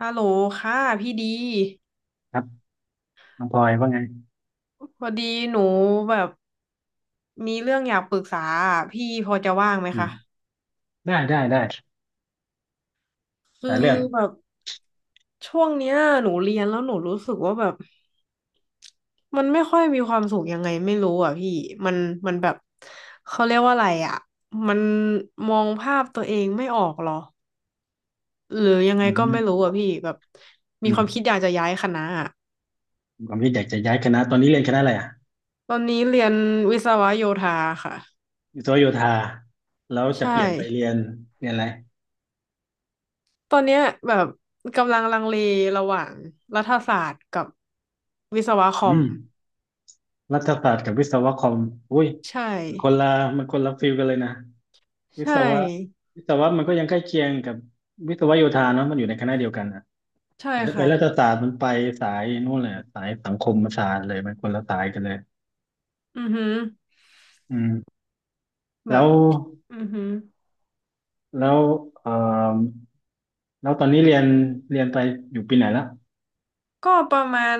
ฮัลโหลค่ะพี่ดีครับน้องพลอยว่าไงพอดีหนูแบบมีเรื่องอยากปรึกษาอะพี่พอจะว่างไหมอืมคะได้ได้ได้หคือลายเรื่องแบบช่วงเนี้ยหนูเรียนแล้วหนูรู้สึกว่าแบบมันไม่ค่อยมีความสุขยังไงไม่รู้อ่ะพี่มันแบบเขาเรียกว่าอะไรอ่ะมันมองภาพตัวเองไม่ออกหรอหรือยังไงอืก็ไม่รู้มอ่ะพี่แบบอืมีคมวามคิดอยากจะย้ายคณะอะผมคิดอยากจะย้ายคณะตอนนี้เรียนคณะอะไรอ่ะตอนนี้เรียนวิศวะโยธาค่ะวิศวโยธาแล้วจะใช่ เปลี่ยนไปเรียนเรียนอะไรตอนเนี้ยแบบกำลังลังเลระหว่างรัฐศาสตร์กับวิศวะคออืมมรัฐศาสตร์กับวิศวะคอมอุ้ยใช่มันคนละมันคนละฟิลกันเลยนะวิใช่ศวะวิศวะมันก็ยังใกล้เคียงกับวิศวโยธาเนาะมันอยู่ในคณะเดียวกันนะใช่แต่ถ้าไปค่ะรัฐศาสตร์มันไปสายนู่นเลยอะสายสังคมศาสตร์เลยมันคนละสายกันเลยอือหืออืมแบแล้บวอือหือแล้วเอ่อ แล้วตอนนี้เรียนเรียนไปอยู่ปีไหนแล้วก็ประมาณ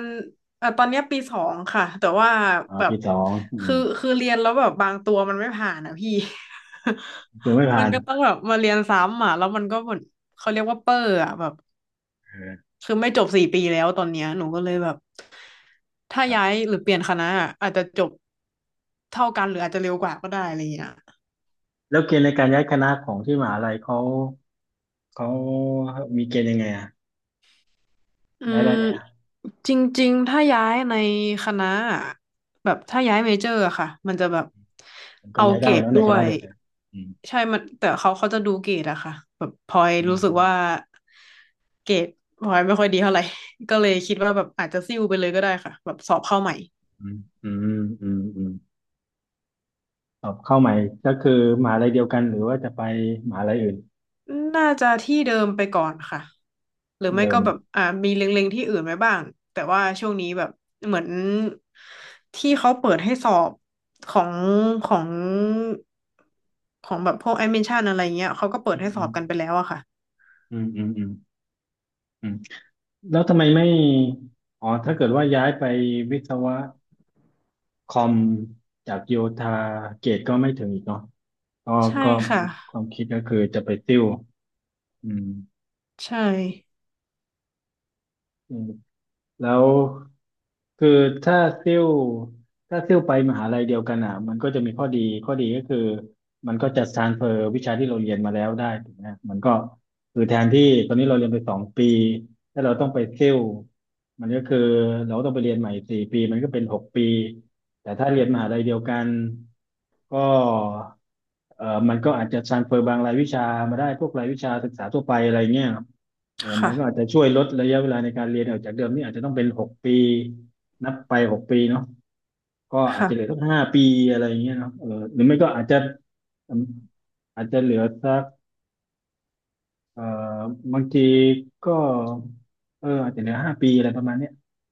ตอนเนี้ยปีสองค่ะแต่ว่าอ๋าแบบปีสองอืมคือเรียนแล้วแบบบางตัวมันไม่ผ่านอ่ะพี่ ดูไม่ มัผ่านนก็ต้องแบบมาเรียนซ้ำอ่ะแล้วมันก็เหมือนเขาเรียกว่าเปอร์อ่ะแบบ เออคือไม่จบสี่ปีแล้วตอนเนี้ยหนูก็เลยแบบถ้าครัย้าบยหรือเปลี่ยนคณะอะอาจจะจบเท่ากันหรืออาจจะเร็วกว่าก็ได้อะไรอย่างเงี้ยแล้วเกณฑ์ในการย้ายคณะของที่มหาลัยเขาเขามีเกณฑ์ยังไงอ่ะอืย้ายมได้ไหมอ่ะจริงๆถ้าย้ายในคณะอะแบบถ้าย้ายเมเจอร์อะค่ะมันจะแบบมันก็เอาย้ายเกได้รดเนอะในด้ควณะยเดียวกันอืมใช่มันแต่เขาเขาจะดูเกรดอะค่ะแบบพลอยอืรู้สึกว่ามเกรดพลอยไม่ค่อยดีเท่าไหร่ ก็เลยคิดว่าแบบอาจจะซิ่วไปเลยก็ได้ค่ะแบบสอบเข้าใหม่ อืมอืมอืมอืมสอบเข้าใหม่ก็คือมหาลัยเดียวกันหรือว่าจะไปมหาลัยอื่นน่าจะที่เดิมไปก่อนค่ะหรือที่ไม่เดิก็มแบบมีเล็งๆที่อื่นไว้บ้างแต่ว่าช่วงนี้แบบเหมือนที่เขาเปิดให้สอบของของของแบบพวกแอดมิชชั่นอะไรเงี้ยเขาก็เปิอืดให้สอบกันไปมแล้วอะค่ะอืมอืมอืมอืมอืมแล้วทำไมไม่อ๋อถ้าเกิดว่าย้ายไปวิศวะ คอมจากโยธาเกรดก็ไม่ถึงอีกเนาะก็ใช่ก็ค่ะความคิดก็คือจะไปซิ่วอืมใช่อืมแล้วคือถ้าซิ่วถ้าซิ่วไปมหาลัยเดียวกันอ่ะมันก็จะมีข้อดีข้อดีก็คือ มันก็จะ transfer วิชาที่เราเรียนมาแล้วได้ถูกไหมมันก็คือแทนที่ตอนนี้เราเรียนไปสองปีถ้าเราต้องไปซิ่วมันก็คือเราต้องไปเรียนใหม่สี่ปีมันก็เป็นหกปีแต่ถ้าเรียนมหาลัยเดียวกันก็เออมันก็อาจจะ transfer บางรายวิชามาได้พวกรายวิชาศึกษาทั่วไปอะไรเงี้ยครับเอคอมั่ะนก็อาจจะช่วยลดระยะเวลาในการเรียนออกจากเดิมนี่อาจจะต้องเป็นหกปีนับไปหกปีเนาะ ก็อาจจะเหลือค่ะสักห้าปีอะไรอย่างเงี้ยเนาะเออหรือไม่ก็อาจจะอืมอาจจะเหลือสักเอ่อบางทีก็เอออาจจะเหลือห้าปีอะไรประมาณเนี้ย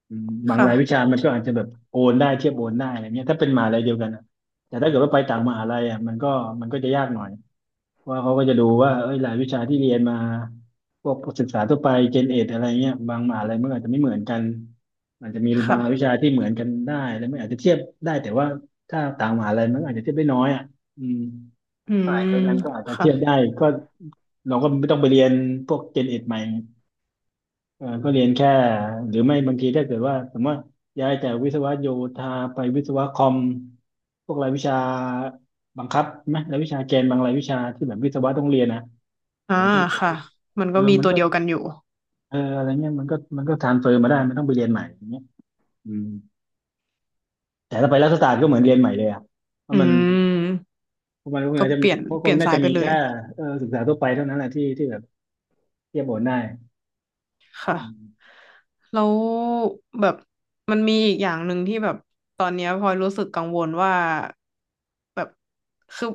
อืมบางค่ะรายวิชามันก็อาจจะแบบโอนได้เทียบโอนได้อะไรเงี้ยถ้าเป็นมหาลัยเดียวกันนะแต่ถ้าเกิดว่าไปต่างมหาลัยอ่ะมันก็จะยากหน่อย ว่าเขาก็จะดูว่าเอ้ยรายวิชาที่เรียนมาพวกศึกษาทั่วไปเจนเอ็ดอะไรเงี้ยบางมหาลัยมันอาจจะไม่เหมือนกันอาจจะมีคบางรายวิชา่ะที่เหมือนกันได้แล้วไมันอาจจะเทียบได้แต่ว่าถ้าต่างมหาลัยมันอาจจะเทียบได้น้อยอ่ะอืมอืสายมเดียวกันก็อาจจะค่ะเทียบได้ก็เราก็ไม่ต้องไปเรียนพวกเจนเอ็ดใหม่เออก็เรียนแค่หรือไม่บางทีถ้าเกิดว่าสมมติว่าย้ายจากวิศวะโยธาไปวิศวะคอมพวกรายวิชาบังคับไหมรายวิชาเกนบางรายวิชาที่แบบวิศวะต้องเรียนนะ เออ่าอถ้าเกิดค่ะว่ามันเอก็อมีมันตัวก็เดียวกันอยู่เอออะไรเงี้ยมันก็ทรานเฟอร์มาได้ไม่ต้องไปเรียนใหม่อย่างเงี้ยอืมแต่ถ้าไปรัฐศาสตร์ก็เหมือนเรียนใหม่เลยอ่ะเพอืราะมันมเพราะมันก็คงก็อาจจะเปลี่ยนพวก็เปคงลี่ยนน่าสาจะยไปมีเลแค่ย เออศึกษาทั่วไปเท่านั้นแหละที่ที่แบบเทียบโอนได้อืค่ะมแล้วแบบมันมีอีกอย่างหนึ่งที่แบบตอนเนี้ยพลอยรู้สึกกังวลว่าแบบคือ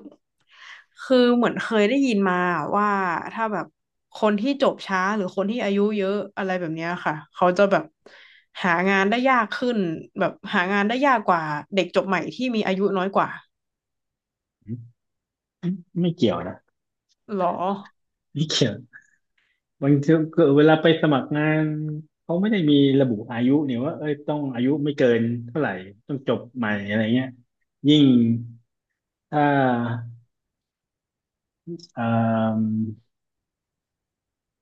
คือเหมือนเคยได้ยินมาว่าถ้าแบบคนที่จบช้าหรือคนที่อายุเยอะอะไรแบบเนี้ยค่ะเขาจะแบบหางานได้ยากขึ้นแบบหางานได้ยากกว่าเด็กจบใหม่ที่มีอายุน้อยกว่าไม่เกี่ยวนะหรอไม่เกี่ยวบางทีก็เวลาไปสมัครงานเขาไม่ได้มีระบุอายุเนี่ยว่าเอ้ยต้องอายุไม่เกินเท่าไหร่ต้องจบใหม่อะไรเงี้ยยิ่งถ้าเอ่อ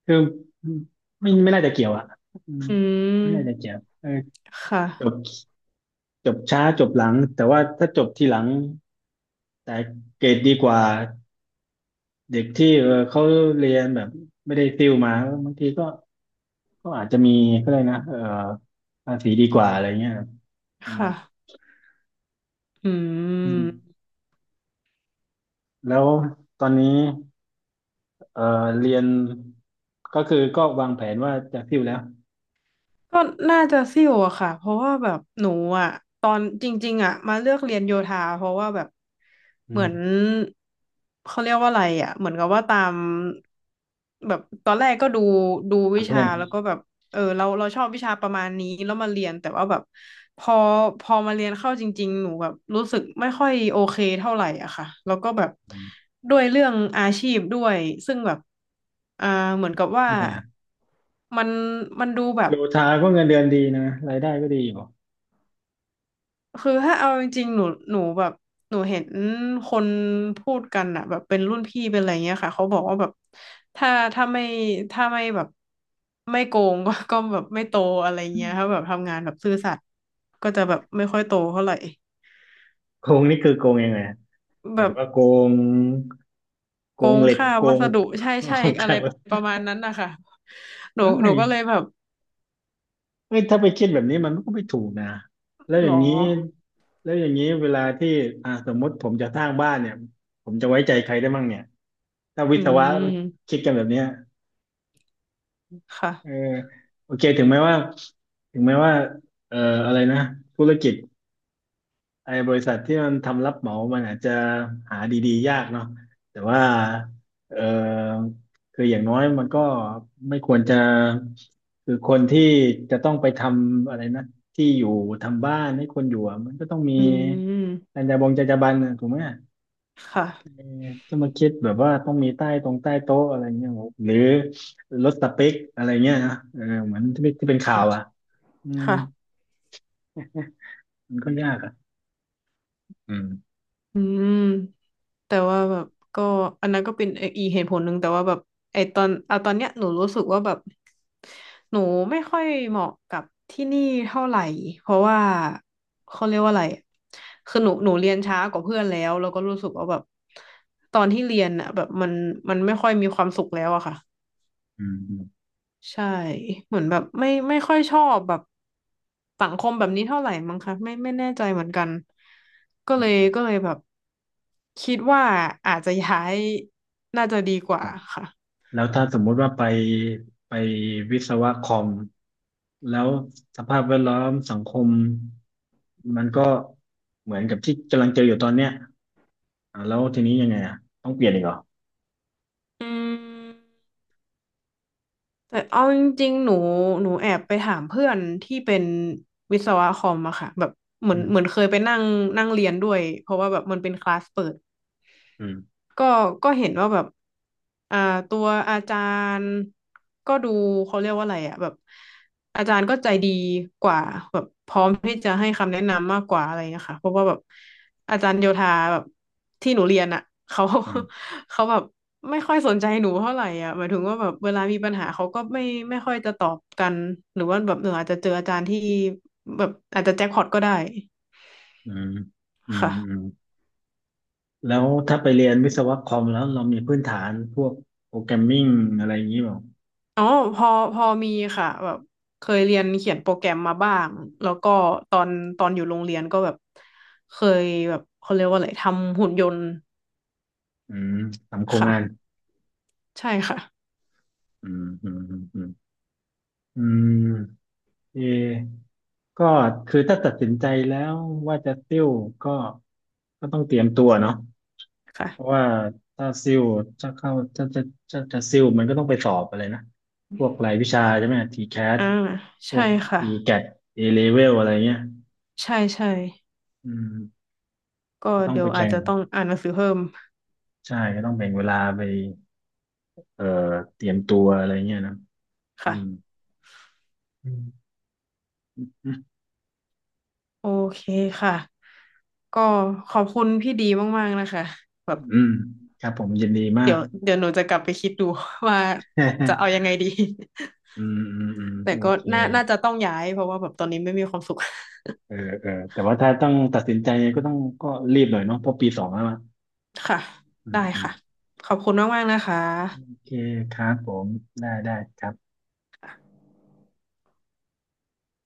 คือไม่น่าจะเกี่ยวอ่ะอืมอืไม่น่าจะมเกี่ยวเออค่ะจบจบช้าจบหลังแต่ว่าถ้าจบทีหลังแต่เกรดดีกว่าเด็กที่เออเขาเรียนแบบไม่ได้ติวมาบางทีก็ก็อาจจะมีก็เลยนะเออภาษีดีกว่าอะไรเงี้ยอืมค่ะอือืมม แล้วตอนนี้เออเรียนก็คือก็วางแผนว่าจะติวแล้วก็น่าจะซิ่วอะค่ะเพราะว่าแบบหนูอะตอนจริงๆอะมาเลือกเรียนโยธาเพราะว่าแบบอืเหมืมอนเขาเรียกว่าอะไรอะเหมือนกับว่าตามแบบตอนแรกก็ดูดูถาวิมเพื่ชาอนแล้วก็แบบเออเราชอบวิชาประมาณนี้แล้วมาเรียนแต่ว่าแบบพอพอมาเรียนเข้าจริงๆหนูแบบรู้สึกไม่ค่อยโอเคเท่าไหร่อะค่ะแล้วก็แบบอืมด้วยเรื่องอาชีพด้วยซึ่งแบบอ่าเหมือนกับว่าทำไมอ่ะมันมันดูแบโยบ ธาก็เงินเดือนดีนะรายได้ก็ดีอยู่ คือถ้าเอาจริงๆ หนูหนูแบบหนูเห็นคนพูดกันอะแบบเป็นรุ่นพี่เป็นอะไรเงี้ยค่ะเขาบอกว่าแบบถ้าถ้าไม่ถ้าไม่แบบไม่โกงก็แบบไม่โตอะไรเงี้ยถ้าแบบทำงานแบบซื่อสัตย์ก็จะแบบไม่ค่อยโตเท่าไหร่โกงนี่คือโกงยังไงฮะหแบมายถึบงว่าโกงโกโกงงเหล็กค่าโกวัง สดุใช่ใช่ คอะไรรับประมาณนั้นนะคะหนูเอ้หนูยก็เลยแบบเอ้ยถ้าไปคิดแบบนี้มันก็ไม่ถูกนะ แล้วหอรย่าองนี้แล้วอย่างนี้เวลาที่อ่าสมมติผมจะสร้างบ้านเนี่ย ผมจะไว้ใจใครได้มั่งเนี่ย ถ้าวิอืศวะม คิดกันแบบเนี้ยเออค่ะ โอเคถึงแม้ว่าเอ่ออะไรนะธุรกิจ ไอ้บริษัทที่มันทำรับเหมามันอาจจะหาดีๆยากเนาะแต่ว่าเออคืออย่างน้อยมันก็ไม่ควรจะคือคนที่จะต้องไปทำอะไรนะที่อยู่ทำบ้านให้คนอยู่อะมันก็ต้องมีอืจม รรยาบงจรรยาบรรณอะถูกไหมค่ะ จะมาคิดแบบว่าต้องมีใต้ตรงใต้โต๊ะอะไรเงี้ยโหหรือลดสเปคอะไรเงี้ยนะเออเหมือนที่เป็นข่าค่ะวอ่ะอืมค่ะมันก็ยากอ่ะอืมอืม แต่ว่าแบบก็อันนั้นก็เป็นอีกเหตุผลหนึ่งแต่ว่าแบบไอตอนเอาตอนเนี้ยหนูรู้สึกว่าแบบหนูไม่ค่อยเหมาะกับที่นี่เท่าไหร่เพราะว่าเขาเรียกว่าอะไรคือหนูเรียนช้ากว่าเพื่อนแล้วก็รู้สึกว่าแบบตอนที่เรียนอ่ะแบบมันไม่ค่อยมีความสุขแล้วอะค่ะ อืมอืมใช่เหมือนแบบไม่ค่อยชอบแบบสังคมแบบนี้เท่าไหร่มั้งคะไม่ไม่แน่ใจเหมือนกันก็อืเลยม ก็เลยแบบคิดว่าอาจจะย้ายน่าจะดีกว่าค่ะแล้วถ้าสมมุติว่าไปวิศวะคอมแล้วสภาพแวดล้อมสังคมมันก็เหมือนกับที่กำลังเจออยู่ตอนเนี้ยอ่ะแล้วทีนี้ยังไงอ่ะต้องเปลี่ยนอีกเหรออืมแต่เอาจริงๆหนูแอบไปถามเพื่อนที่เป็นวิศวะคอมอะค่ะแบบเหมืออืนมเหมือนเคยไปนั่งนั่งเรียนด้วยเพราะว่าแบบมันเป็นคลาสเปิด อืมก็ก็เห็นว่าแบบอ่าตัวอาจารย์ก็ดูเขาเรียกว่าอะไรอะแบบอาจารย์ก็ใจดีกว่าแบบพร้อมที่จะให้คำแนะนำมากกว่าอะไรเงี้ยค่ะเพราะว่าแบบอาจารย์โยธาแบบที่หนูเรียนอ่ะเขา อืม เขาแบบไม่ค่อยสนใจหนูเท่าไหร่อ่ะหมายถึงว่าแบบเวลามีปัญหาเขาก็ไม่ไม่ค่อยจะตอบกันหรือว่าแบบหนูอาจจะเจออาจารย์ที่แบบอาจจะแจ็คพอตก็ได้อืมอืมค่ะ อืมแล้วถ้าไปเรียนวิศวะคอมแล้วเรามีพื้นฐานพวกโปรแกรมมิ่งอะไรอย่างนี้เปล่าอ๋อพอพอมีค่ะแบบเคยเรียนเขียนโปรแกรมมาบ้างแล้วก็ตอนตอนอยู่โรงเรียนก็แบบเคยแบบเขาเรียกว่าอะไรทำหุ่นยนต์อืมทำโครงงานค่ะใช่ค่ะอืมอืมอืมอืม เออก็คือถ้าตัดสินใจแล้วว่าจะซิ่วก็ก็ต้องเตรียมตัวเนาะเพราะค่ะว่าถ้าซิ่วจะเข้าจะจะจะซิ่วมันก็ต้องไปสอบอะไรนะพวกรายวิชาใช่ไหมทีแคทอ่าพใช่วกค่ะทีแกตเอเลเวลอะไรเงี้ยใช่ใช่อืมก็ก็ต้องเดี๋ยไปวอาจแข่งจะต้องอ่านหนังสือเพิ่มใช่ก็ต้องแบ่งเวลาไปเอ่อเตรียมตัวอะไรเงี้ยนะืค่ะมอืมอืมโอเคค่ะก็ขอบคุณพี่ดีมากๆนะคะแบบอืมครับผมยินดีมาเดี๋ก ยวเดี๋ยวหนูจะกลับไปคิดดู ว่าจะเอายั งไงดี อืมอืมอืม แต่โอก็เค น่าน่าจะต้องย้ายเพราะว่าแบบตอนนี้ไม่มีความสุข เออเออแต่ว่าถ้าต้องตัดสินใจก็ต้องก็รีบหน่อยเนาะเพราะปีสองแล้วอะค่ะอืมได้อืมค่ะขอบคุณมากๆนะคโอะเคครับผมได้ได้ครับ